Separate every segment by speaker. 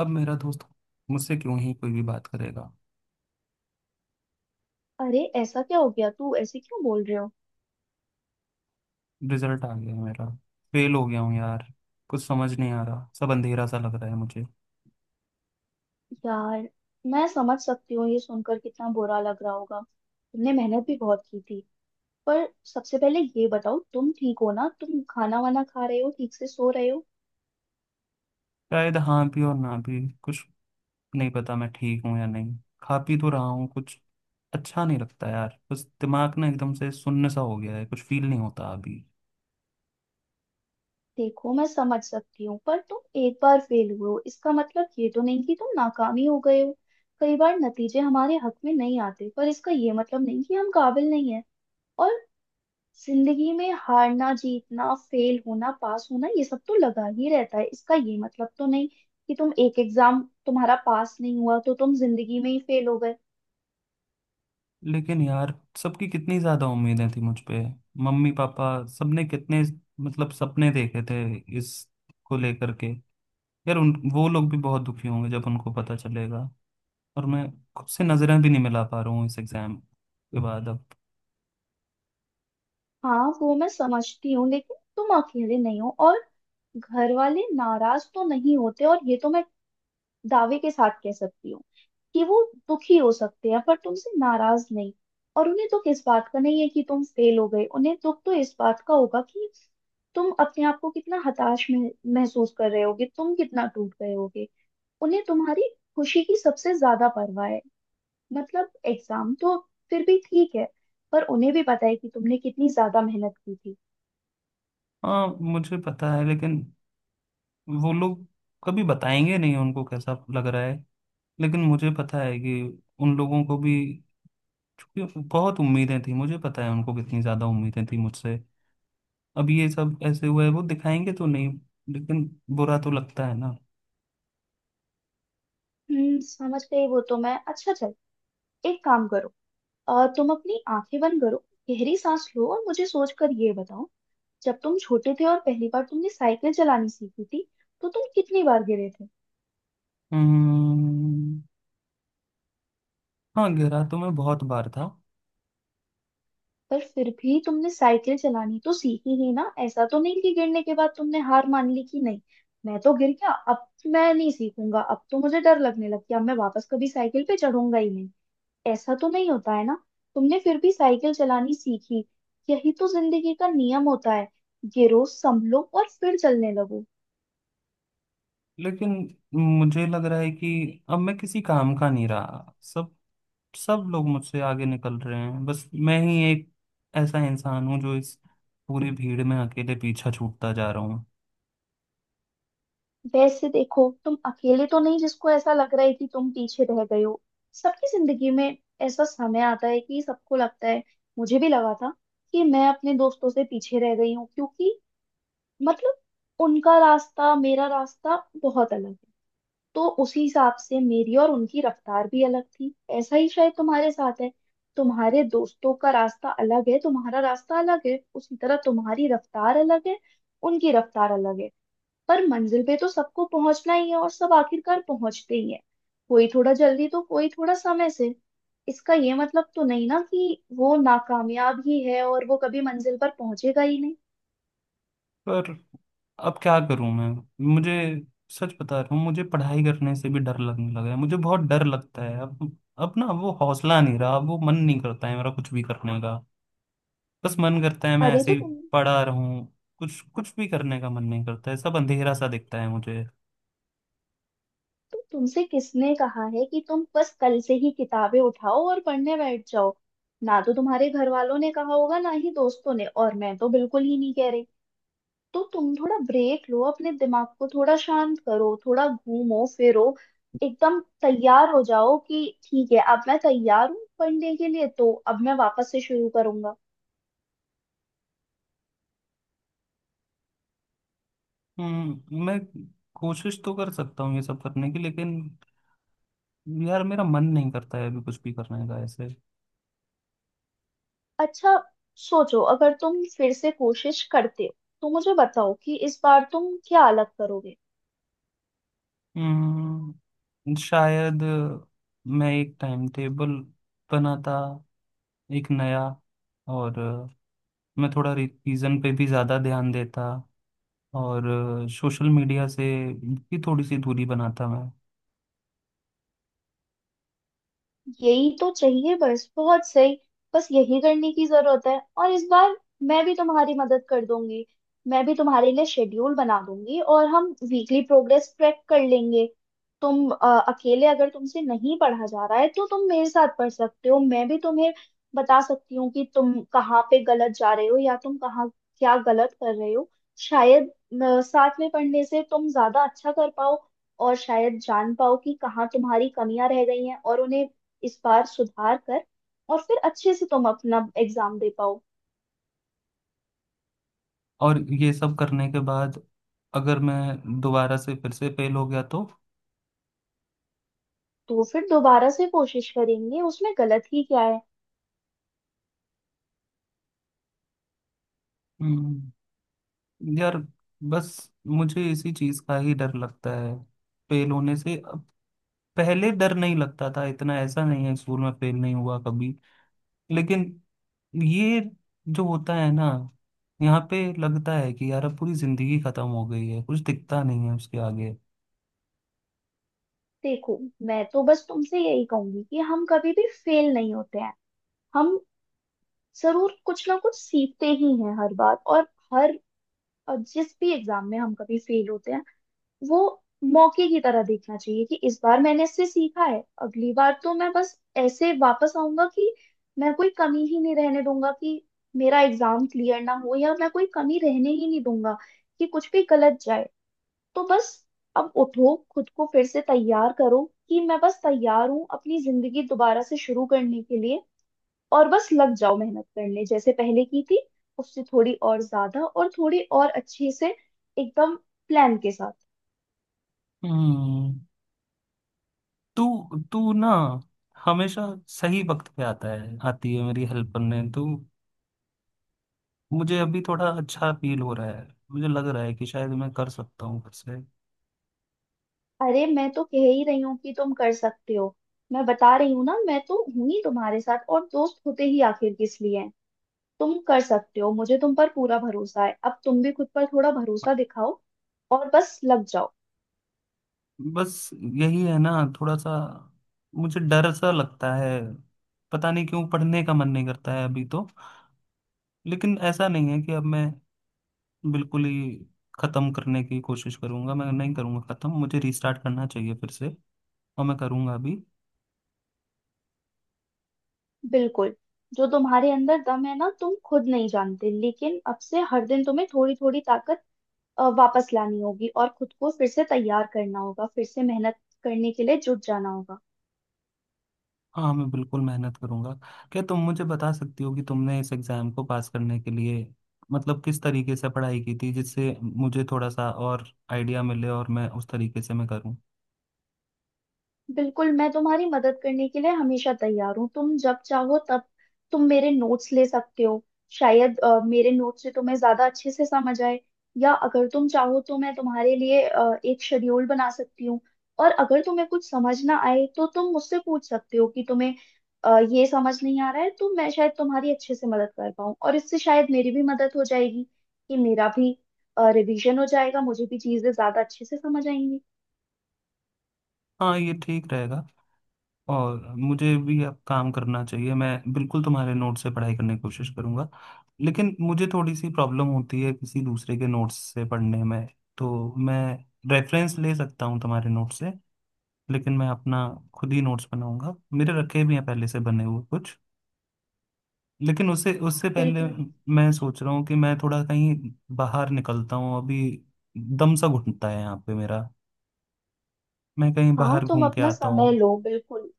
Speaker 1: अब मेरा दोस्त मुझसे क्यों ही कोई भी बात करेगा।
Speaker 2: अरे ऐसा क्या हो गया? तू ऐसे क्यों बोल रहे हो?
Speaker 1: रिजल्ट आ गया है मेरा। फेल हो गया हूँ यार। कुछ समझ नहीं आ रहा, सब अंधेरा सा लग रहा है मुझे।
Speaker 2: यार, मैं समझ सकती हूँ ये सुनकर कितना बुरा लग रहा होगा। तुमने मेहनत भी बहुत की थी। पर सबसे पहले ये बताओ, तुम ठीक हो ना? तुम खाना वाना खा रहे हो? ठीक से सो रहे हो?
Speaker 1: शायद हाँ भी और ना भी, कुछ नहीं पता मैं ठीक हूँ या नहीं। खा पी तो रहा हूँ कुछ। अच्छा नहीं लगता यार, बस दिमाग ना एकदम से सुन्न सा हो गया है, कुछ फील नहीं होता अभी।
Speaker 2: देखो, मैं समझ सकती हूँ पर तुम एक बार फेल हुए हो इसका मतलब ये तो नहीं कि तुम नाकामी हो गए हो। कई बार नतीजे हमारे हक में नहीं आते पर इसका ये मतलब नहीं कि हम काबिल नहीं है। जिंदगी में हारना जीतना फेल होना पास होना ये सब तो लगा ही रहता है। इसका ये मतलब तो नहीं कि तुम एक एग्जाम तुम्हारा पास नहीं हुआ तो तुम जिंदगी में ही फेल हो गए।
Speaker 1: लेकिन यार, सबकी कितनी ज़्यादा उम्मीदें थी मुझ पे। मम्मी पापा सबने कितने, मतलब, सपने देखे थे इसको लेकर के। यार उन वो लोग भी बहुत दुखी होंगे जब उनको पता चलेगा। और मैं खुद से नजरें भी नहीं मिला पा रहा हूँ इस एग्जाम के बाद अब।
Speaker 2: हाँ, वो मैं समझती हूँ लेकिन तुम अकेले नहीं हो। और घर वाले नाराज तो नहीं होते, और ये तो मैं दावे के साथ कह सकती हूँ कि वो दुखी हो सकते हैं पर तुमसे नाराज नहीं। और उन्हें दुख इस बात का नहीं है कि तुम फेल हो गए, उन्हें दुख तो इस बात का होगा कि तुम अपने आप को कितना हताश महसूस कर रहे होगे, तुम कितना टूट गए होगे। उन्हें तुम्हारी खुशी की सबसे ज्यादा परवाह है। मतलब एग्जाम तो फिर भी ठीक है, पर उन्हें भी पता है कि तुमने कितनी ज्यादा मेहनत की थी।
Speaker 1: हाँ मुझे पता है, लेकिन वो लोग कभी बताएंगे नहीं उनको कैसा लग रहा है। लेकिन मुझे पता है कि उन लोगों को भी, क्योंकि बहुत उम्मीदें थी, मुझे पता है उनको कितनी ज्यादा उम्मीदें थी मुझसे। अब ये सब ऐसे हुआ है वो दिखाएंगे तो नहीं, लेकिन बुरा तो लगता है ना।
Speaker 2: समझ गई। वो तो मैं, अच्छा चल एक काम करो, तुम अपनी आंखें बंद करो, गहरी सांस लो और मुझे सोचकर ये बताओ, जब तुम छोटे थे और पहली बार तुमने साइकिल चलानी सीखी थी तो तुम कितनी बार गिरे थे?
Speaker 1: हम्म। हाँ गहरा तो मैं बहुत बार था।
Speaker 2: पर फिर भी तुमने साइकिल चलानी तो सीखी ही ना। ऐसा तो नहीं कि गिरने के बाद तुमने हार मान ली कि नहीं, मैं तो गिर गया, अब मैं नहीं सीखूंगा, अब तो मुझे डर लगने लग गया, अब मैं वापस कभी साइकिल पे चढ़ूंगा ही नहीं। ऐसा तो नहीं होता है ना। तुमने फिर भी साइकिल चलानी सीखी। यही तो जिंदगी का नियम होता है, गिरो, संभलो और फिर चलने लगो।
Speaker 1: लेकिन मुझे लग रहा है कि अब मैं किसी काम का नहीं रहा। सब सब लोग मुझसे आगे निकल रहे हैं, बस मैं ही एक ऐसा इंसान हूँ जो इस पूरी भीड़ में अकेले पीछा छूटता जा रहा हूँ।
Speaker 2: वैसे देखो, तुम अकेले तो नहीं जिसको ऐसा लग रहा है कि तुम पीछे रह गए हो। सबकी जिंदगी में ऐसा समय आता है कि सबको लगता है। मुझे भी लगा था कि मैं अपने दोस्तों से पीछे रह गई हूँ, क्योंकि मतलब उनका रास्ता, मेरा रास्ता बहुत अलग है। तो उसी हिसाब से मेरी और उनकी रफ्तार भी अलग थी। ऐसा ही शायद तुम्हारे साथ है, तुम्हारे दोस्तों का रास्ता अलग है, तुम्हारा रास्ता अलग है, उसी तरह तुम्हारी रफ्तार अलग है, उनकी रफ्तार अलग है। पर मंजिल पे तो सबको पहुंचना ही है, और सब आखिरकार पहुंचते ही है। कोई थोड़ा जल्दी तो कोई थोड़ा समय से। इसका ये मतलब तो नहीं ना कि वो नाकामयाब ही है और वो कभी मंजिल पर पहुंचेगा ही नहीं।
Speaker 1: पर अब क्या करूँ मैं? मुझे, सच बता रहा हूँ, मुझे पढ़ाई करने से भी डर लगने लगा है, मुझे बहुत डर लगता है अब। अब ना वो हौसला नहीं रहा, अब वो मन नहीं करता है मेरा कुछ भी करने का। बस मन करता है मैं
Speaker 2: अरे
Speaker 1: ऐसे
Speaker 2: तो
Speaker 1: ही
Speaker 2: तुम
Speaker 1: पड़ा रहूं। कुछ कुछ भी करने का मन नहीं करता है, सब अंधेरा सा दिखता है मुझे।
Speaker 2: तो तुमसे किसने कहा है कि तुम बस कल से ही किताबें उठाओ और पढ़ने बैठ जाओ? ना तो तुम्हारे घर वालों ने कहा होगा, ना ही दोस्तों ने, और मैं तो बिल्कुल ही नहीं कह रही। तो तुम थोड़ा ब्रेक लो, अपने दिमाग को थोड़ा शांत करो, थोड़ा घूमो फिरो, एकदम तैयार हो जाओ कि ठीक है, अब मैं तैयार हूँ पढ़ने के लिए, तो अब मैं वापस से शुरू करूंगा।
Speaker 1: हम्म। मैं कोशिश तो कर सकता हूँ ये सब करने की, लेकिन यार मेरा मन नहीं करता है अभी कुछ भी करने का ऐसे।
Speaker 2: अच्छा, सोचो अगर तुम फिर से कोशिश करते हो तो मुझे बताओ कि इस बार तुम क्या अलग करोगे?
Speaker 1: हम्म, शायद मैं एक टाइम टेबल बनाता, एक नया। और मैं थोड़ा रिवीजन पे भी ज़्यादा ध्यान देता। और सोशल मीडिया से भी थोड़ी सी दूरी बनाता मैं।
Speaker 2: यही तो चाहिए, बस बहुत सही। बस यही करने की जरूरत है, और इस बार मैं भी तुम्हारी मदद कर दूंगी। मैं भी तुम्हारे लिए शेड्यूल बना दूंगी और हम वीकली प्रोग्रेस ट्रैक कर लेंगे। तुम अकेले अगर तुमसे नहीं पढ़ा जा रहा है तो तुम मेरे साथ पढ़ सकते हो। मैं भी तुम्हें बता सकती हूँ कि तुम कहाँ पे गलत जा रहे हो या तुम कहाँ क्या गलत कर रहे हो। शायद साथ में पढ़ने से तुम ज्यादा अच्छा कर पाओ, और शायद जान पाओ कि कहाँ तुम्हारी कमियां रह गई हैं, और उन्हें इस बार सुधार कर और फिर अच्छे से तुम अपना एग्जाम दे पाओ।
Speaker 1: और ये सब करने के बाद अगर मैं दोबारा से फिर से फेल हो गया तो?
Speaker 2: तो फिर दोबारा से कोशिश करेंगे, उसमें गलत ही क्या है?
Speaker 1: हम्म। यार, बस मुझे इसी चीज का ही डर लगता है, फेल होने से अब। पहले डर नहीं लगता था इतना, ऐसा नहीं है, स्कूल में फेल नहीं हुआ कभी। लेकिन ये जो होता है ना, यहाँ पे लगता है कि यार अब पूरी जिंदगी खत्म हो गई है, कुछ दिखता नहीं है उसके आगे।
Speaker 2: देखो, मैं तो बस तुमसे यही कहूंगी कि हम कभी भी फेल नहीं होते हैं। हम जरूर कुछ ना कुछ सीखते ही हैं हर बार। और हर और जिस भी एग्जाम में हम कभी फेल होते हैं वो मौके की तरह देखना चाहिए, कि इस बार मैंने इससे सीखा है, अगली बार तो मैं बस ऐसे वापस आऊंगा कि मैं कोई कमी ही नहीं रहने दूंगा कि मेरा एग्जाम क्लियर ना हो, या मैं कोई कमी रहने ही नहीं दूंगा कि कुछ भी गलत जाए। तो बस, अब उठो, खुद को फिर से तैयार करो कि मैं बस तैयार हूँ अपनी जिंदगी दोबारा से शुरू करने के लिए, और बस लग जाओ मेहनत करने जैसे पहले की थी, उससे थोड़ी और ज्यादा और थोड़ी और अच्छे से, एकदम प्लान के साथ।
Speaker 1: हम्म। तू तू ना हमेशा सही वक्त पे आता है, आती है, मेरी हेल्प करने। तो मुझे अभी थोड़ा अच्छा फील हो रहा है, मुझे लग रहा है कि शायद मैं कर सकता हूँ।
Speaker 2: अरे, मैं तो कह ही रही हूँ कि तुम कर सकते हो। मैं बता रही हूँ ना, मैं तो हूं ही तुम्हारे साथ, और दोस्त होते ही आखिर किस लिए हैं? तुम कर सकते हो, मुझे तुम पर पूरा भरोसा है, अब तुम भी खुद पर थोड़ा भरोसा दिखाओ और बस लग जाओ।
Speaker 1: बस यही है ना। थोड़ा सा मुझे डर सा लगता है, पता नहीं क्यों पढ़ने का मन नहीं करता है अभी तो। लेकिन ऐसा नहीं है कि अब मैं बिल्कुल ही खत्म करने की कोशिश करूंगा, मैं नहीं करूंगा खत्म, मुझे रीस्टार्ट करना चाहिए फिर से, और मैं करूंगा अभी।
Speaker 2: बिल्कुल। जो तुम्हारे अंदर दम है ना, तुम खुद नहीं जानते, लेकिन अब से हर दिन तुम्हें थोड़ी थोड़ी ताकत वापस लानी होगी और खुद को फिर से तैयार करना होगा, फिर से मेहनत करने के लिए जुट जाना होगा।
Speaker 1: हाँ, मैं बिल्कुल मेहनत करूंगा। क्या तुम मुझे बता सकती हो कि तुमने इस एग्जाम को पास करने के लिए, मतलब, किस तरीके से पढ़ाई की थी, जिससे मुझे थोड़ा सा और आइडिया मिले और मैं उस तरीके से मैं करूँ।
Speaker 2: बिल्कुल, मैं तुम्हारी मदद करने के लिए हमेशा तैयार हूँ, तुम जब चाहो तब तुम मेरे नोट्स ले सकते हो। शायद मेरे नोट्स से तुम्हें ज्यादा अच्छे से समझ आए। या अगर तुम चाहो तो मैं तुम्हारे लिए एक शेड्यूल बना सकती हूँ। और अगर तुम्हें कुछ समझ ना आए तो तुम मुझसे पूछ सकते हो कि तुम्हें ये समझ नहीं आ रहा है, तो मैं शायद तुम्हारी अच्छे से मदद कर पाऊँ, और इससे शायद मेरी भी मदद हो जाएगी कि मेरा भी रिवीजन हो जाएगा, मुझे भी चीजें ज्यादा अच्छे से समझ आएंगी।
Speaker 1: हाँ ये ठीक रहेगा। और मुझे भी अब काम करना चाहिए, मैं बिल्कुल तुम्हारे नोट से पढ़ाई करने की कोशिश करूंगा। लेकिन मुझे थोड़ी सी प्रॉब्लम होती है किसी दूसरे के नोट्स से पढ़ने में। तो मैं रेफरेंस ले सकता हूँ तुम्हारे नोट से, लेकिन मैं अपना खुद ही नोट्स बनाऊंगा, मेरे रखे भी हैं पहले से बने हुए कुछ। लेकिन उससे उससे पहले
Speaker 2: बिल्कुल।
Speaker 1: मैं सोच रहा हूँ कि मैं थोड़ा कहीं बाहर निकलता हूँ अभी। दम सा घुटता है यहाँ पे मेरा, मैं कहीं
Speaker 2: हाँ,
Speaker 1: बाहर
Speaker 2: तुम
Speaker 1: घूम के
Speaker 2: अपना
Speaker 1: आता
Speaker 2: समय
Speaker 1: हूँ।
Speaker 2: लो बिल्कुल।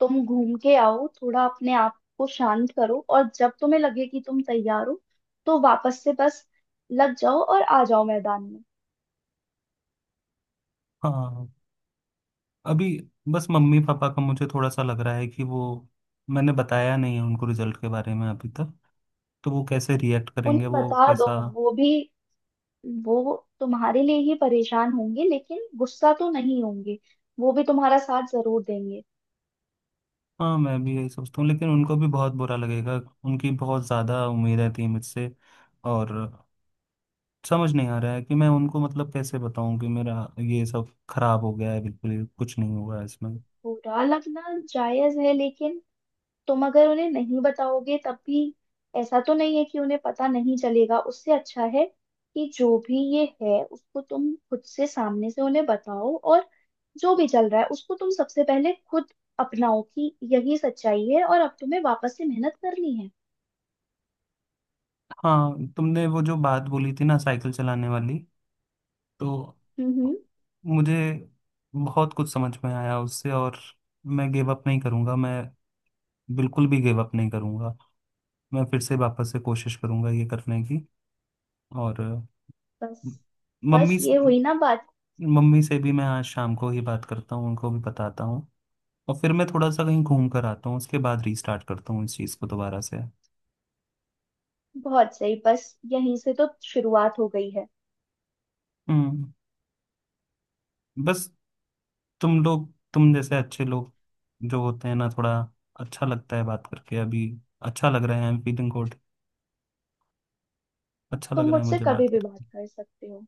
Speaker 2: तुम घूम के आओ, थोड़ा अपने आप को शांत करो, और जब तुम्हें लगे कि तुम तैयार हो तो वापस से बस लग जाओ और आ जाओ मैदान में।
Speaker 1: हाँ, अभी बस मम्मी पापा का मुझे थोड़ा सा लग रहा है कि वो, मैंने बताया नहीं है उनको रिजल्ट के बारे में अभी तक, तो वो कैसे रिएक्ट करेंगे,
Speaker 2: उन्हें
Speaker 1: वो
Speaker 2: बता दो।
Speaker 1: कैसा।
Speaker 2: वो भी वो तुम्हारे लिए ही परेशान होंगे, लेकिन गुस्सा तो नहीं होंगे। वो भी तुम्हारा साथ जरूर देंगे।
Speaker 1: हाँ मैं भी यही सोचता हूँ, लेकिन उनको भी बहुत बुरा लगेगा, उनकी बहुत ज़्यादा उम्मीदें थी मुझसे। और समझ नहीं आ रहा है कि मैं उनको, मतलब, कैसे बताऊं कि मेरा ये सब खराब हो गया है बिल्कुल ही, कुछ नहीं हुआ है इसमें।
Speaker 2: बुरा लगना जायज है, लेकिन तुम अगर उन्हें नहीं बताओगे तब भी ऐसा तो नहीं है कि उन्हें पता नहीं चलेगा। उससे अच्छा है कि जो भी ये है उसको तुम खुद से, सामने से उन्हें बताओ, और जो भी चल रहा है उसको तुम सबसे पहले खुद अपनाओ कि यही सच्चाई है, और अब तुम्हें वापस से मेहनत करनी है।
Speaker 1: हाँ तुमने वो जो बात बोली थी ना, साइकिल चलाने वाली, तो
Speaker 2: हम्म।
Speaker 1: मुझे बहुत कुछ समझ में आया उससे। और मैं गिव अप नहीं करूंगा, मैं बिल्कुल भी गिव अप नहीं करूंगा। मैं फिर से वापस से कोशिश करूंगा ये करने की। और अ,
Speaker 2: बस बस
Speaker 1: मम्मी
Speaker 2: ये हुई ना बात।
Speaker 1: मम्मी से भी मैं आज शाम को ही बात करता हूँ, उनको भी बताता हूँ। और फिर मैं थोड़ा सा कहीं घूम कर आता हूँ, उसके बाद रीस्टार्ट करता हूँ इस चीज़ को दोबारा से।
Speaker 2: बहुत सही, बस यहीं से तो शुरुआत हो गई है।
Speaker 1: हम्म। बस तुम लोग, तुम जैसे अच्छे लोग जो होते हैं ना, थोड़ा अच्छा लगता है बात करके अभी। अच्छा लग रहा है, आई एम फीलिंग गुड। अच्छा
Speaker 2: तुम
Speaker 1: लग रहा है
Speaker 2: मुझसे
Speaker 1: मुझे
Speaker 2: कभी
Speaker 1: बात
Speaker 2: भी बात
Speaker 1: करके।
Speaker 2: कर सकते हो।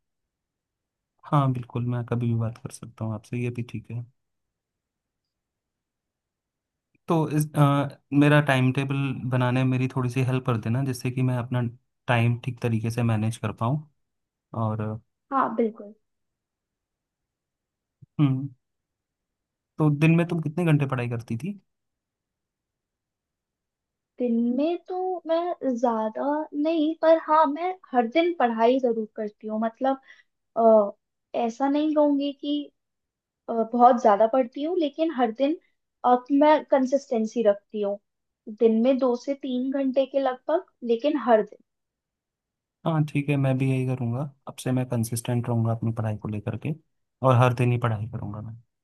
Speaker 1: हाँ बिल्कुल, मैं कभी भी बात कर सकता हूँ आपसे, ये भी ठीक है। तो मेरा टाइम टेबल बनाने में मेरी थोड़ी सी हेल्प कर देना, जिससे कि मैं अपना टाइम ठीक तरीके से मैनेज कर पाऊँ। और
Speaker 2: हाँ बिल्कुल।
Speaker 1: हम्म, तो दिन में तुम कितने घंटे पढ़ाई करती थी?
Speaker 2: दिन में तो मैं ज्यादा नहीं, पर हाँ, मैं हर दिन पढ़ाई जरूर करती हूँ। मतलब, अ, ऐसा नहीं कहूंगी कि बहुत ज्यादा पढ़ती हूँ, लेकिन हर दिन मैं कंसिस्टेंसी रखती हूँ। दिन में 2 से 3 घंटे के लगभग, लेकिन हर दिन।
Speaker 1: हाँ ठीक है, मैं भी यही करूँगा। अब से मैं कंसिस्टेंट रहूँगा अपनी पढ़ाई को लेकर के, और हर दिन ही पढ़ाई करूँगा मैं।